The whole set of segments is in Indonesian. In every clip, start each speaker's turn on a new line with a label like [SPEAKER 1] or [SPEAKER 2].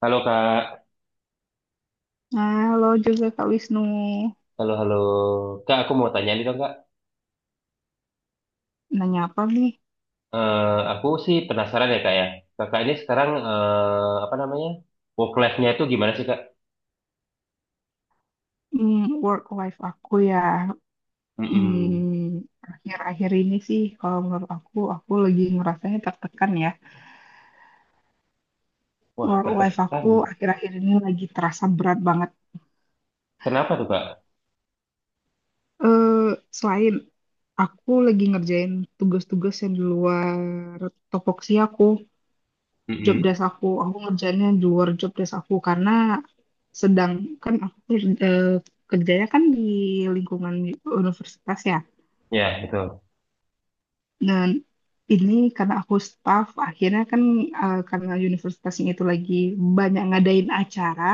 [SPEAKER 1] Halo Kak,
[SPEAKER 2] Halo juga Kak Wisnu.
[SPEAKER 1] halo halo. Kak, aku mau tanya nih dong Kak.
[SPEAKER 2] Nanya apa nih?
[SPEAKER 1] Eh, aku sih penasaran ya Kak ya. Kakak ini sekarang apa namanya? Work life-nya itu gimana sih Kak?
[SPEAKER 2] Hmm, Work life aku ya.
[SPEAKER 1] Mm-mm.
[SPEAKER 2] Hmm, Akhir-akhir ini sih kalau menurut aku lagi ngerasanya tertekan ya.
[SPEAKER 1] Wah,
[SPEAKER 2] Work life
[SPEAKER 1] tertekan.
[SPEAKER 2] aku akhir-akhir ini lagi terasa berat banget.
[SPEAKER 1] Kenapa tuh Kak?
[SPEAKER 2] Eh, Selain aku lagi ngerjain tugas-tugas yang di luar topoksi aku, job
[SPEAKER 1] Mm-mm.
[SPEAKER 2] desk aku. Aku ngerjainnya di luar job desk aku karena sedang kan aku eh, kerjanya kan di lingkungan universitas ya.
[SPEAKER 1] Ya, betul.
[SPEAKER 2] Dan ini karena aku staff, akhirnya kan karena universitasnya itu lagi banyak ngadain acara,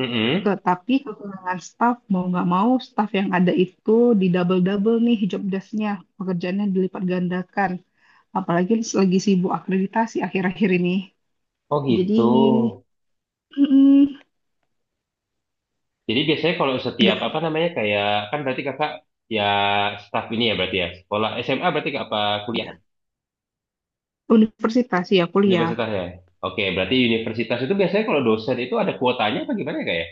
[SPEAKER 1] Mm-mm.
[SPEAKER 2] tapi kekurangan staff mau nggak mau staff yang ada itu di double-double nih job desk-nya, pekerjaannya dilipat gandakan. Apalagi lagi sibuk akreditasi akhir-akhir ini.
[SPEAKER 1] Oh gitu.
[SPEAKER 2] Jadi, mm,
[SPEAKER 1] Jadi biasanya kalau setiap
[SPEAKER 2] nggak
[SPEAKER 1] apa namanya kayak kan berarti Kakak ya staff ini ya berarti ya. Sekolah SMA berarti Kak apa kuliah?
[SPEAKER 2] ya, universitas ya kuliah.
[SPEAKER 1] Universitas ya. Oke, berarti universitas itu biasanya kalau dosen itu ada kuotanya apa gimana ya, Kak ya?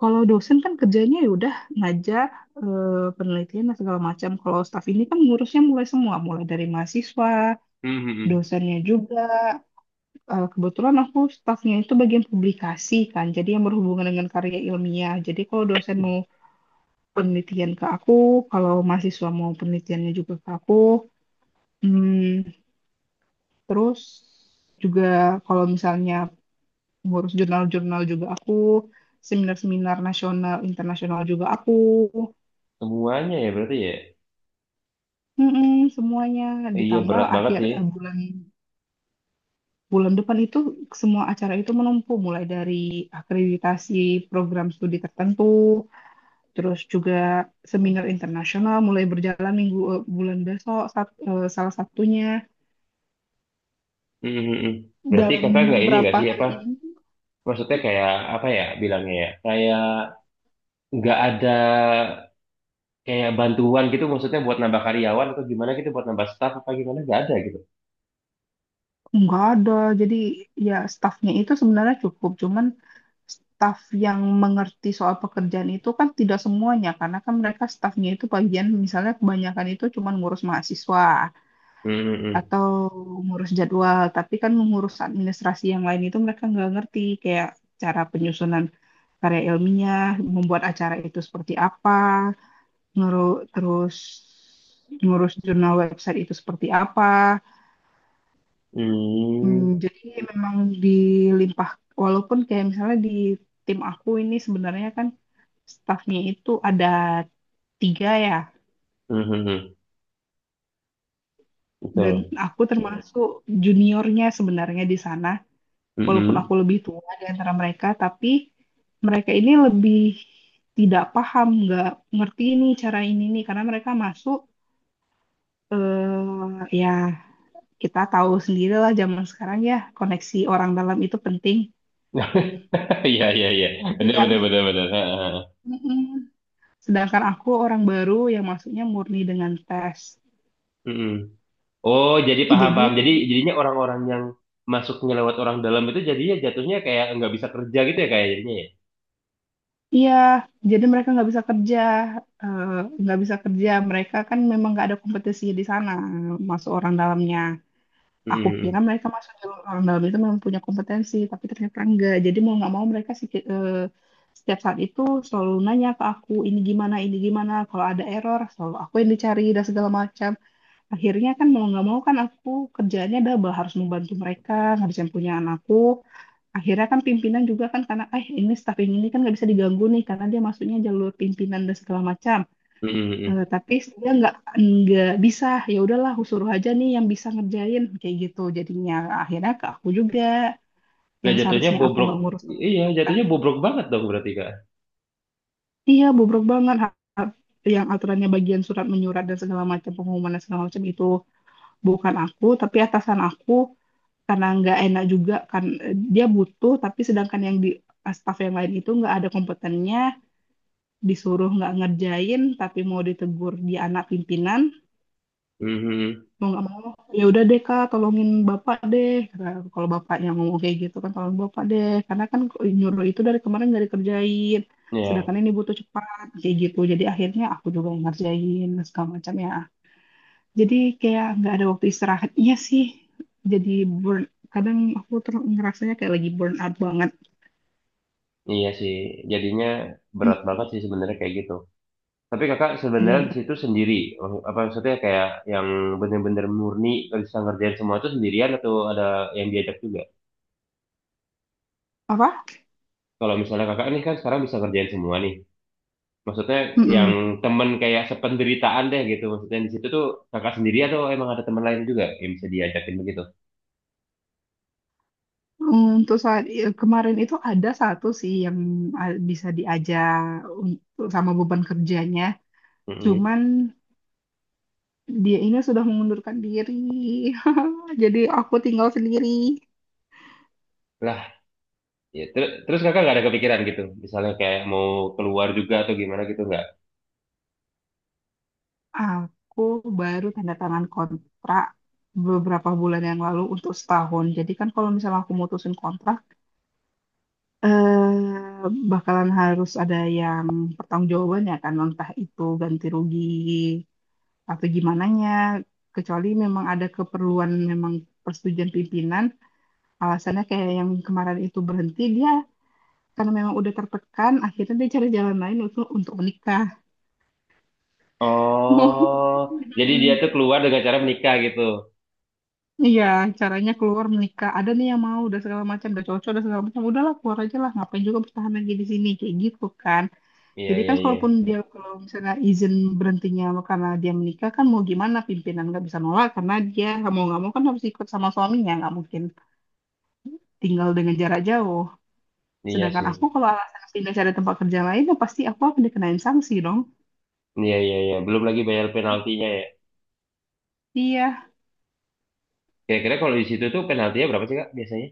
[SPEAKER 2] Kalau dosen kan kerjanya ya udah ngajar eh, penelitian dan segala macam. Kalau staff ini kan ngurusnya mulai semua, mulai dari mahasiswa,
[SPEAKER 1] Mm-mm.
[SPEAKER 2] dosennya juga. Kebetulan aku staffnya itu bagian publikasi kan, jadi yang berhubungan dengan karya ilmiah. Jadi kalau dosen mau penelitian ke aku, kalau mahasiswa mau penelitiannya juga ke aku, Hmm, terus juga kalau misalnya ngurus jurnal-jurnal juga aku, seminar-seminar nasional, internasional juga aku.
[SPEAKER 1] Semuanya ya berarti ya.
[SPEAKER 2] Mm-mm, semuanya
[SPEAKER 1] Iya
[SPEAKER 2] ditambah
[SPEAKER 1] berat banget
[SPEAKER 2] akhir
[SPEAKER 1] sih.
[SPEAKER 2] bulan bulan depan itu semua acara itu menumpuk mulai dari akreditasi program studi tertentu, terus juga seminar internasional mulai berjalan minggu bulan besok salah satunya
[SPEAKER 1] Mhm, mhm. Berarti
[SPEAKER 2] dalam
[SPEAKER 1] kakak nggak ini nggak
[SPEAKER 2] berapa
[SPEAKER 1] sih
[SPEAKER 2] hari
[SPEAKER 1] apa?
[SPEAKER 2] ini
[SPEAKER 1] Maksudnya kayak apa ya bilangnya ya? Kayak nggak ada kayak bantuan gitu maksudnya buat nambah karyawan atau gimana gitu buat nambah staff apa gimana nggak ada gitu.
[SPEAKER 2] nggak ada. Jadi ya stafnya itu sebenarnya cukup, cuman staf yang mengerti soal pekerjaan itu kan tidak semuanya karena kan mereka stafnya itu bagian misalnya kebanyakan itu cuman ngurus mahasiswa.
[SPEAKER 1] Mhm, mhm.
[SPEAKER 2] Atau ngurus jadwal tapi kan ngurus administrasi yang lain itu mereka nggak ngerti kayak cara penyusunan karya ilmiah, membuat acara itu seperti apa, ngurus terus ngurus jurnal website itu seperti apa.
[SPEAKER 1] Hmm.
[SPEAKER 2] Jadi memang dilimpah walaupun kayak misalnya di tim aku ini sebenarnya kan stafnya itu ada tiga ya,
[SPEAKER 1] Mhm, mhm.
[SPEAKER 2] dan
[SPEAKER 1] Betul.
[SPEAKER 2] aku termasuk juniornya sebenarnya di sana, walaupun aku
[SPEAKER 1] Mhm.
[SPEAKER 2] lebih tua di antara mereka, tapi mereka ini lebih tidak paham, nggak ngerti nih cara ini nih, karena mereka masuk ya kita tahu sendirilah zaman sekarang ya koneksi orang dalam itu penting.
[SPEAKER 1] Iya iya iya. Benar benar
[SPEAKER 2] Iya.
[SPEAKER 1] benar benar. Ha, ha, ha.
[SPEAKER 2] Mm-mm. Sedangkan aku orang baru yang masuknya murni dengan tes.
[SPEAKER 1] Mhm. Oh jadi paham
[SPEAKER 2] Jadi
[SPEAKER 1] paham. Jadi jadinya orang-orang yang masuknya lewat orang dalam itu jadinya jatuhnya kayak nggak bisa kerja gitu ya kayak jadinya ya?
[SPEAKER 2] iya, jadi mereka nggak bisa kerja, eh, nggak bisa kerja. Mereka kan memang nggak ada kompetisi di sana, masuk orang dalamnya. Aku kira
[SPEAKER 1] Mm-mm.
[SPEAKER 2] mereka masuk jalur orang dalam itu memang punya kompetensi, tapi ternyata enggak. Jadi mau nggak mau mereka sih setiap saat itu selalu nanya ke aku, ini gimana, ini gimana. Kalau ada error, selalu aku yang dicari dan segala macam. Akhirnya kan mau nggak mau kan aku kerjaannya double, harus membantu mereka ngabisin punya anakku. Akhirnya kan pimpinan juga kan karena ini staff yang ini kan nggak bisa diganggu nih karena dia masuknya jalur pimpinan dan segala macam.
[SPEAKER 1] Mm-mm.
[SPEAKER 2] Tapi dia nggak bisa, ya udahlah aku suruh aja nih yang bisa ngerjain kayak gitu, jadinya akhirnya ke aku juga
[SPEAKER 1] Nah
[SPEAKER 2] yang
[SPEAKER 1] jatuhnya
[SPEAKER 2] seharusnya aku
[SPEAKER 1] bobrok,
[SPEAKER 2] nggak ngurus surat
[SPEAKER 1] iya
[SPEAKER 2] kan,
[SPEAKER 1] jatuhnya bobrok banget dong berarti kak.
[SPEAKER 2] iya bobrok banget. Yang aturannya bagian surat menyurat dan segala macam pengumuman dan segala macam itu bukan aku tapi atasan aku, karena nggak enak juga kan, dia butuh tapi sedangkan yang di staf yang lain itu nggak ada kompetennya, disuruh nggak ngerjain tapi mau ditegur di anak pimpinan,
[SPEAKER 1] Mhm.
[SPEAKER 2] mau nggak mau ya udah deh, "Kak, tolongin bapak deh," kata aku, kalau bapaknya ngomong kayak gitu kan, tolong bapak deh, karena kan nyuruh itu dari kemarin nggak dikerjain sedangkan
[SPEAKER 1] Iya,
[SPEAKER 2] ini butuh cepat kayak gitu, jadi akhirnya aku juga yang ngerjain segala macam ya, jadi kayak nggak ada waktu istirahat, iya sih, jadi burn kadang aku ter ngerasanya kayak lagi burn out banget.
[SPEAKER 1] iya sih. Jadinya berat
[SPEAKER 2] Hmm,
[SPEAKER 1] banget sih sebenarnya kayak gitu. Tapi kakak
[SPEAKER 2] iya
[SPEAKER 1] sebenarnya di situ sendiri, oh, apa maksudnya kayak yang bener-bener murni bisa ngerjain semua itu sendirian atau ada yang diajak juga?
[SPEAKER 2] apa.
[SPEAKER 1] Kalau misalnya kakak ini kan sekarang bisa ngerjain semua nih. Maksudnya yang
[SPEAKER 2] Mm-mm.
[SPEAKER 1] temen kayak sependeritaan deh gitu. Maksudnya di situ tuh kakak sendiri atau emang ada teman lain juga yang bisa diajakin begitu?
[SPEAKER 2] Untuk saat kemarin itu ada satu sih yang bisa diajak untuk sama beban kerjanya.
[SPEAKER 1] Mhm.
[SPEAKER 2] Cuman dia ini sudah mengundurkan diri. Jadi aku tinggal sendiri.
[SPEAKER 1] Lah, ya, terus kakak nggak ada kepikiran gitu, misalnya kayak mau keluar juga atau gimana gitu nggak?
[SPEAKER 2] Aku baru tanda tangan kontrak beberapa bulan yang lalu untuk setahun. Jadi kan kalau misalnya aku mutusin kontrak, eh, bakalan harus ada yang pertanggungjawaban ya kan, entah itu ganti rugi atau gimana nya. Kecuali memang ada keperluan, memang persetujuan pimpinan. Alasannya kayak yang kemarin itu berhenti dia karena memang udah tertekan, akhirnya dia cari jalan lain untuk menikah.
[SPEAKER 1] Oh, jadi dia
[SPEAKER 2] Mm-mm.
[SPEAKER 1] tuh keluar dengan cara menikah gitu.
[SPEAKER 2] Iya, caranya keluar menikah. Ada nih yang mau, udah segala macam, udah cocok, udah segala macam. Udahlah, keluar aja lah. Ngapain juga bertahan lagi di sini, kayak gitu kan.
[SPEAKER 1] Iya
[SPEAKER 2] Jadi
[SPEAKER 1] iya
[SPEAKER 2] kan
[SPEAKER 1] iya,
[SPEAKER 2] kalaupun dia kalau misalnya izin berhentinya karena dia menikah kan, mau gimana pimpinan nggak bisa nolak karena dia nggak mau kan harus ikut sama suaminya, nggak mungkin tinggal dengan jarak jauh.
[SPEAKER 1] iya
[SPEAKER 2] Sedangkan
[SPEAKER 1] sih.
[SPEAKER 2] aku kalau alasan pindah cari tempat kerja lain ya pasti aku akan dikenain sanksi dong.
[SPEAKER 1] Iya iya iya, belum lagi bayar penaltinya ya.
[SPEAKER 2] Iya.
[SPEAKER 1] Kira-kira kalau di situ tuh penaltinya berapa sih kak biasanya?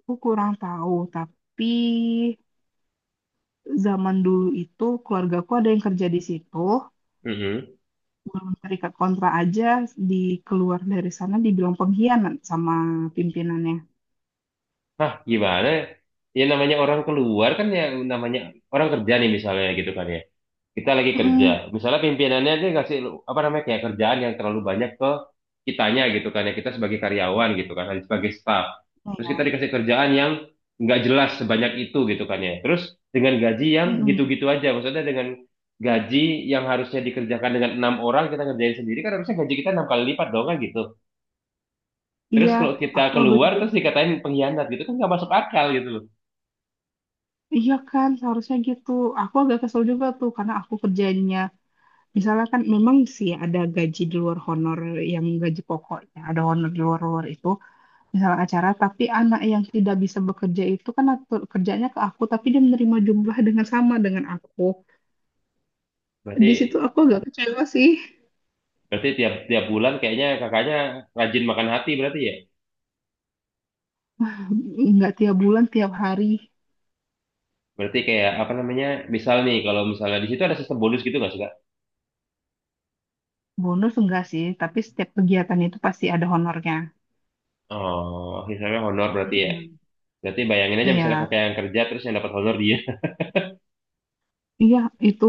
[SPEAKER 2] Aku kurang tahu, tapi zaman dulu itu keluargaku ada yang kerja di situ,
[SPEAKER 1] Mm.
[SPEAKER 2] belum terikat kontrak aja di keluar dari sana dibilang pengkhianat sama pimpinannya.
[SPEAKER 1] Hah, gimana? Ya namanya orang keluar kan ya, namanya orang kerja nih misalnya gitu kan ya. Kita lagi kerja.
[SPEAKER 2] Mm-mm.
[SPEAKER 1] Misalnya pimpinannya dia ngasih apa namanya kayak kerjaan yang terlalu banyak ke kitanya gitu kan ya, kita sebagai karyawan gitu kan sebagai staff.
[SPEAKER 2] Nah,
[SPEAKER 1] Terus kita
[SPEAKER 2] ya.
[SPEAKER 1] dikasih kerjaan yang nggak jelas sebanyak itu gitu kan ya. Terus dengan gaji yang
[SPEAKER 2] Mm-mm.
[SPEAKER 1] gitu-gitu aja. Maksudnya dengan gaji yang harusnya dikerjakan dengan enam orang kita ngerjain sendiri kan harusnya gaji kita enam kali lipat dong kan gitu. Terus
[SPEAKER 2] Iya,
[SPEAKER 1] kalau kita
[SPEAKER 2] aku agak
[SPEAKER 1] keluar
[SPEAKER 2] juga,
[SPEAKER 1] terus dikatain pengkhianat gitu kan nggak masuk akal gitu loh.
[SPEAKER 2] iya kan seharusnya gitu. Aku agak kesel juga tuh karena aku kerjanya, misalnya kan memang sih ada gaji di luar honor yang gaji pokoknya, ada honor di luar-luar itu. Misal acara, tapi anak yang tidak bisa bekerja itu kan kerjanya ke aku, tapi dia menerima jumlah dengan sama dengan aku.
[SPEAKER 1] Berarti
[SPEAKER 2] Di situ aku agak kecewa sih.
[SPEAKER 1] Berarti tiap tiap bulan kayaknya kakaknya rajin makan hati berarti ya.
[SPEAKER 2] Nggak tiap bulan, tiap hari.
[SPEAKER 1] Berarti kayak apa namanya? Misal nih kalau misalnya di situ ada sistem bonus gitu nggak sih Kak?
[SPEAKER 2] Bonus enggak sih, tapi setiap kegiatan itu pasti ada honornya.
[SPEAKER 1] Oh, misalnya honor berarti ya.
[SPEAKER 2] Mm-mm.
[SPEAKER 1] Berarti bayangin aja
[SPEAKER 2] Iya,
[SPEAKER 1] misalnya kakak yang kerja terus yang dapat honor dia.
[SPEAKER 2] iya itu,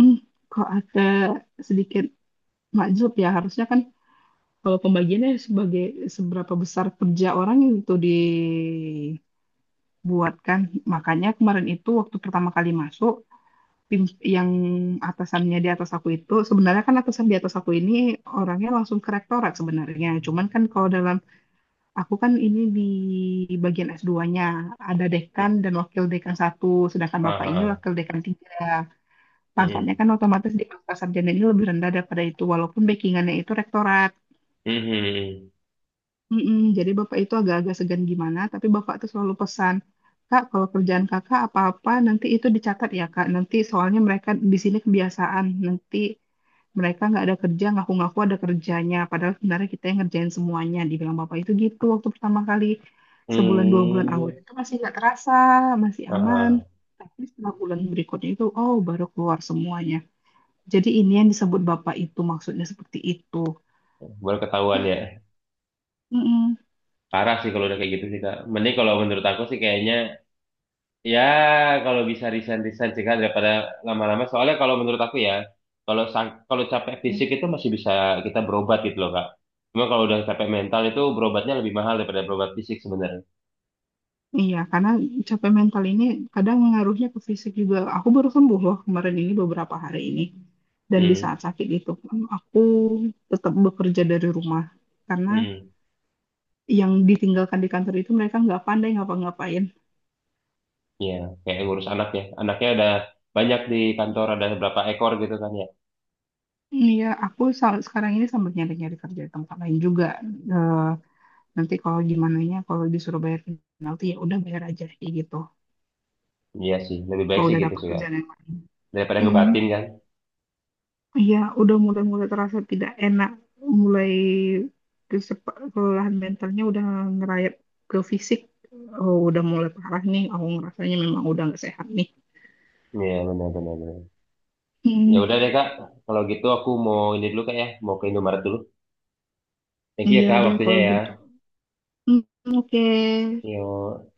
[SPEAKER 2] mm, kok ada sedikit makjub ya. Harusnya kan kalau pembagiannya sebagai seberapa besar kerja orang itu dibuatkan. Makanya kemarin itu waktu pertama kali masuk, tim yang atasannya di atas aku itu sebenarnya kan atasan di atas aku ini orangnya langsung ke rektorat sebenarnya. Cuman kan kalau dalam aku kan ini di bagian s dua nya ada dekan dan wakil dekan satu, sedangkan bapak ini
[SPEAKER 1] Ah,
[SPEAKER 2] wakil dekan tiga. Pangkatnya
[SPEAKER 1] mm.
[SPEAKER 2] kan otomatis di pangkat sarjana ini lebih rendah daripada itu walaupun backingannya itu rektorat. Mm-mm, jadi bapak itu agak-agak segan gimana, tapi bapak tuh selalu pesan, "Kak, kalau kerjaan kakak apa-apa nanti itu dicatat ya Kak. Nanti soalnya mereka di sini kebiasaan, nanti mereka nggak ada kerja, ngaku-ngaku ada kerjanya. Padahal sebenarnya kita yang ngerjain semuanya," dibilang bapak itu gitu waktu pertama kali. Sebulan dua bulan awal itu masih nggak terasa, masih aman. Tapi setelah bulan berikutnya itu, oh baru keluar semuanya. Jadi ini yang disebut bapak itu maksudnya seperti itu.
[SPEAKER 1] Baru ketahuan ya.
[SPEAKER 2] Mm-mm.
[SPEAKER 1] Parah sih kalau udah kayak gitu sih Kak. Mending kalau menurut aku sih kayaknya ya, kalau bisa resign-resign cegah daripada lama-lama. Soalnya kalau menurut aku ya, kalau kalau capek fisik itu masih bisa kita berobat gitu loh, Kak. Cuma kalau udah capek mental itu berobatnya lebih mahal daripada berobat fisik sebenarnya.
[SPEAKER 2] Iya, karena capek mental ini kadang ngaruhnya ke fisik juga. Aku baru sembuh loh kemarin ini beberapa hari ini. Dan di
[SPEAKER 1] Hmm,
[SPEAKER 2] saat sakit itu, pun aku tetap bekerja dari rumah. Karena
[SPEAKER 1] hmm.
[SPEAKER 2] yang ditinggalkan di kantor itu mereka nggak pandai ngapa-ngapain.
[SPEAKER 1] Ya, kayak ngurus anak ya. Anaknya ada banyak di kantor, ada berapa ekor gitu kan ya.
[SPEAKER 2] Iya, aku sekarang ini sambil nyari-nyari kerja di tempat lain juga. Eh, Nanti kalau gimana nya, kalau disuruh bayar penalti ya udah bayar aja kayak gitu.
[SPEAKER 1] Iya sih, lebih baik
[SPEAKER 2] Kalau
[SPEAKER 1] sih
[SPEAKER 2] udah
[SPEAKER 1] gitu
[SPEAKER 2] dapat
[SPEAKER 1] sih, Kak.
[SPEAKER 2] kerjaan yang lain.
[SPEAKER 1] Daripada
[SPEAKER 2] Mm-mm.
[SPEAKER 1] ngebatin kan.
[SPEAKER 2] Iya, udah mulai-mulai terasa tidak enak, mulai kelelahan mentalnya udah ngerayap ke fisik. Oh, udah mulai parah nih. Aku ngerasanya memang udah nggak sehat nih.
[SPEAKER 1] Iya, benar-benar. Ya
[SPEAKER 2] Hmm,
[SPEAKER 1] udah deh, Kak. Kalau gitu aku mau ini dulu, Kak ya. Mau ke Indomaret dulu. Thank you ya,
[SPEAKER 2] iya
[SPEAKER 1] Kak,
[SPEAKER 2] deh
[SPEAKER 1] waktunya
[SPEAKER 2] kalau
[SPEAKER 1] ya.
[SPEAKER 2] gitu. Hmm, oke.
[SPEAKER 1] Yo.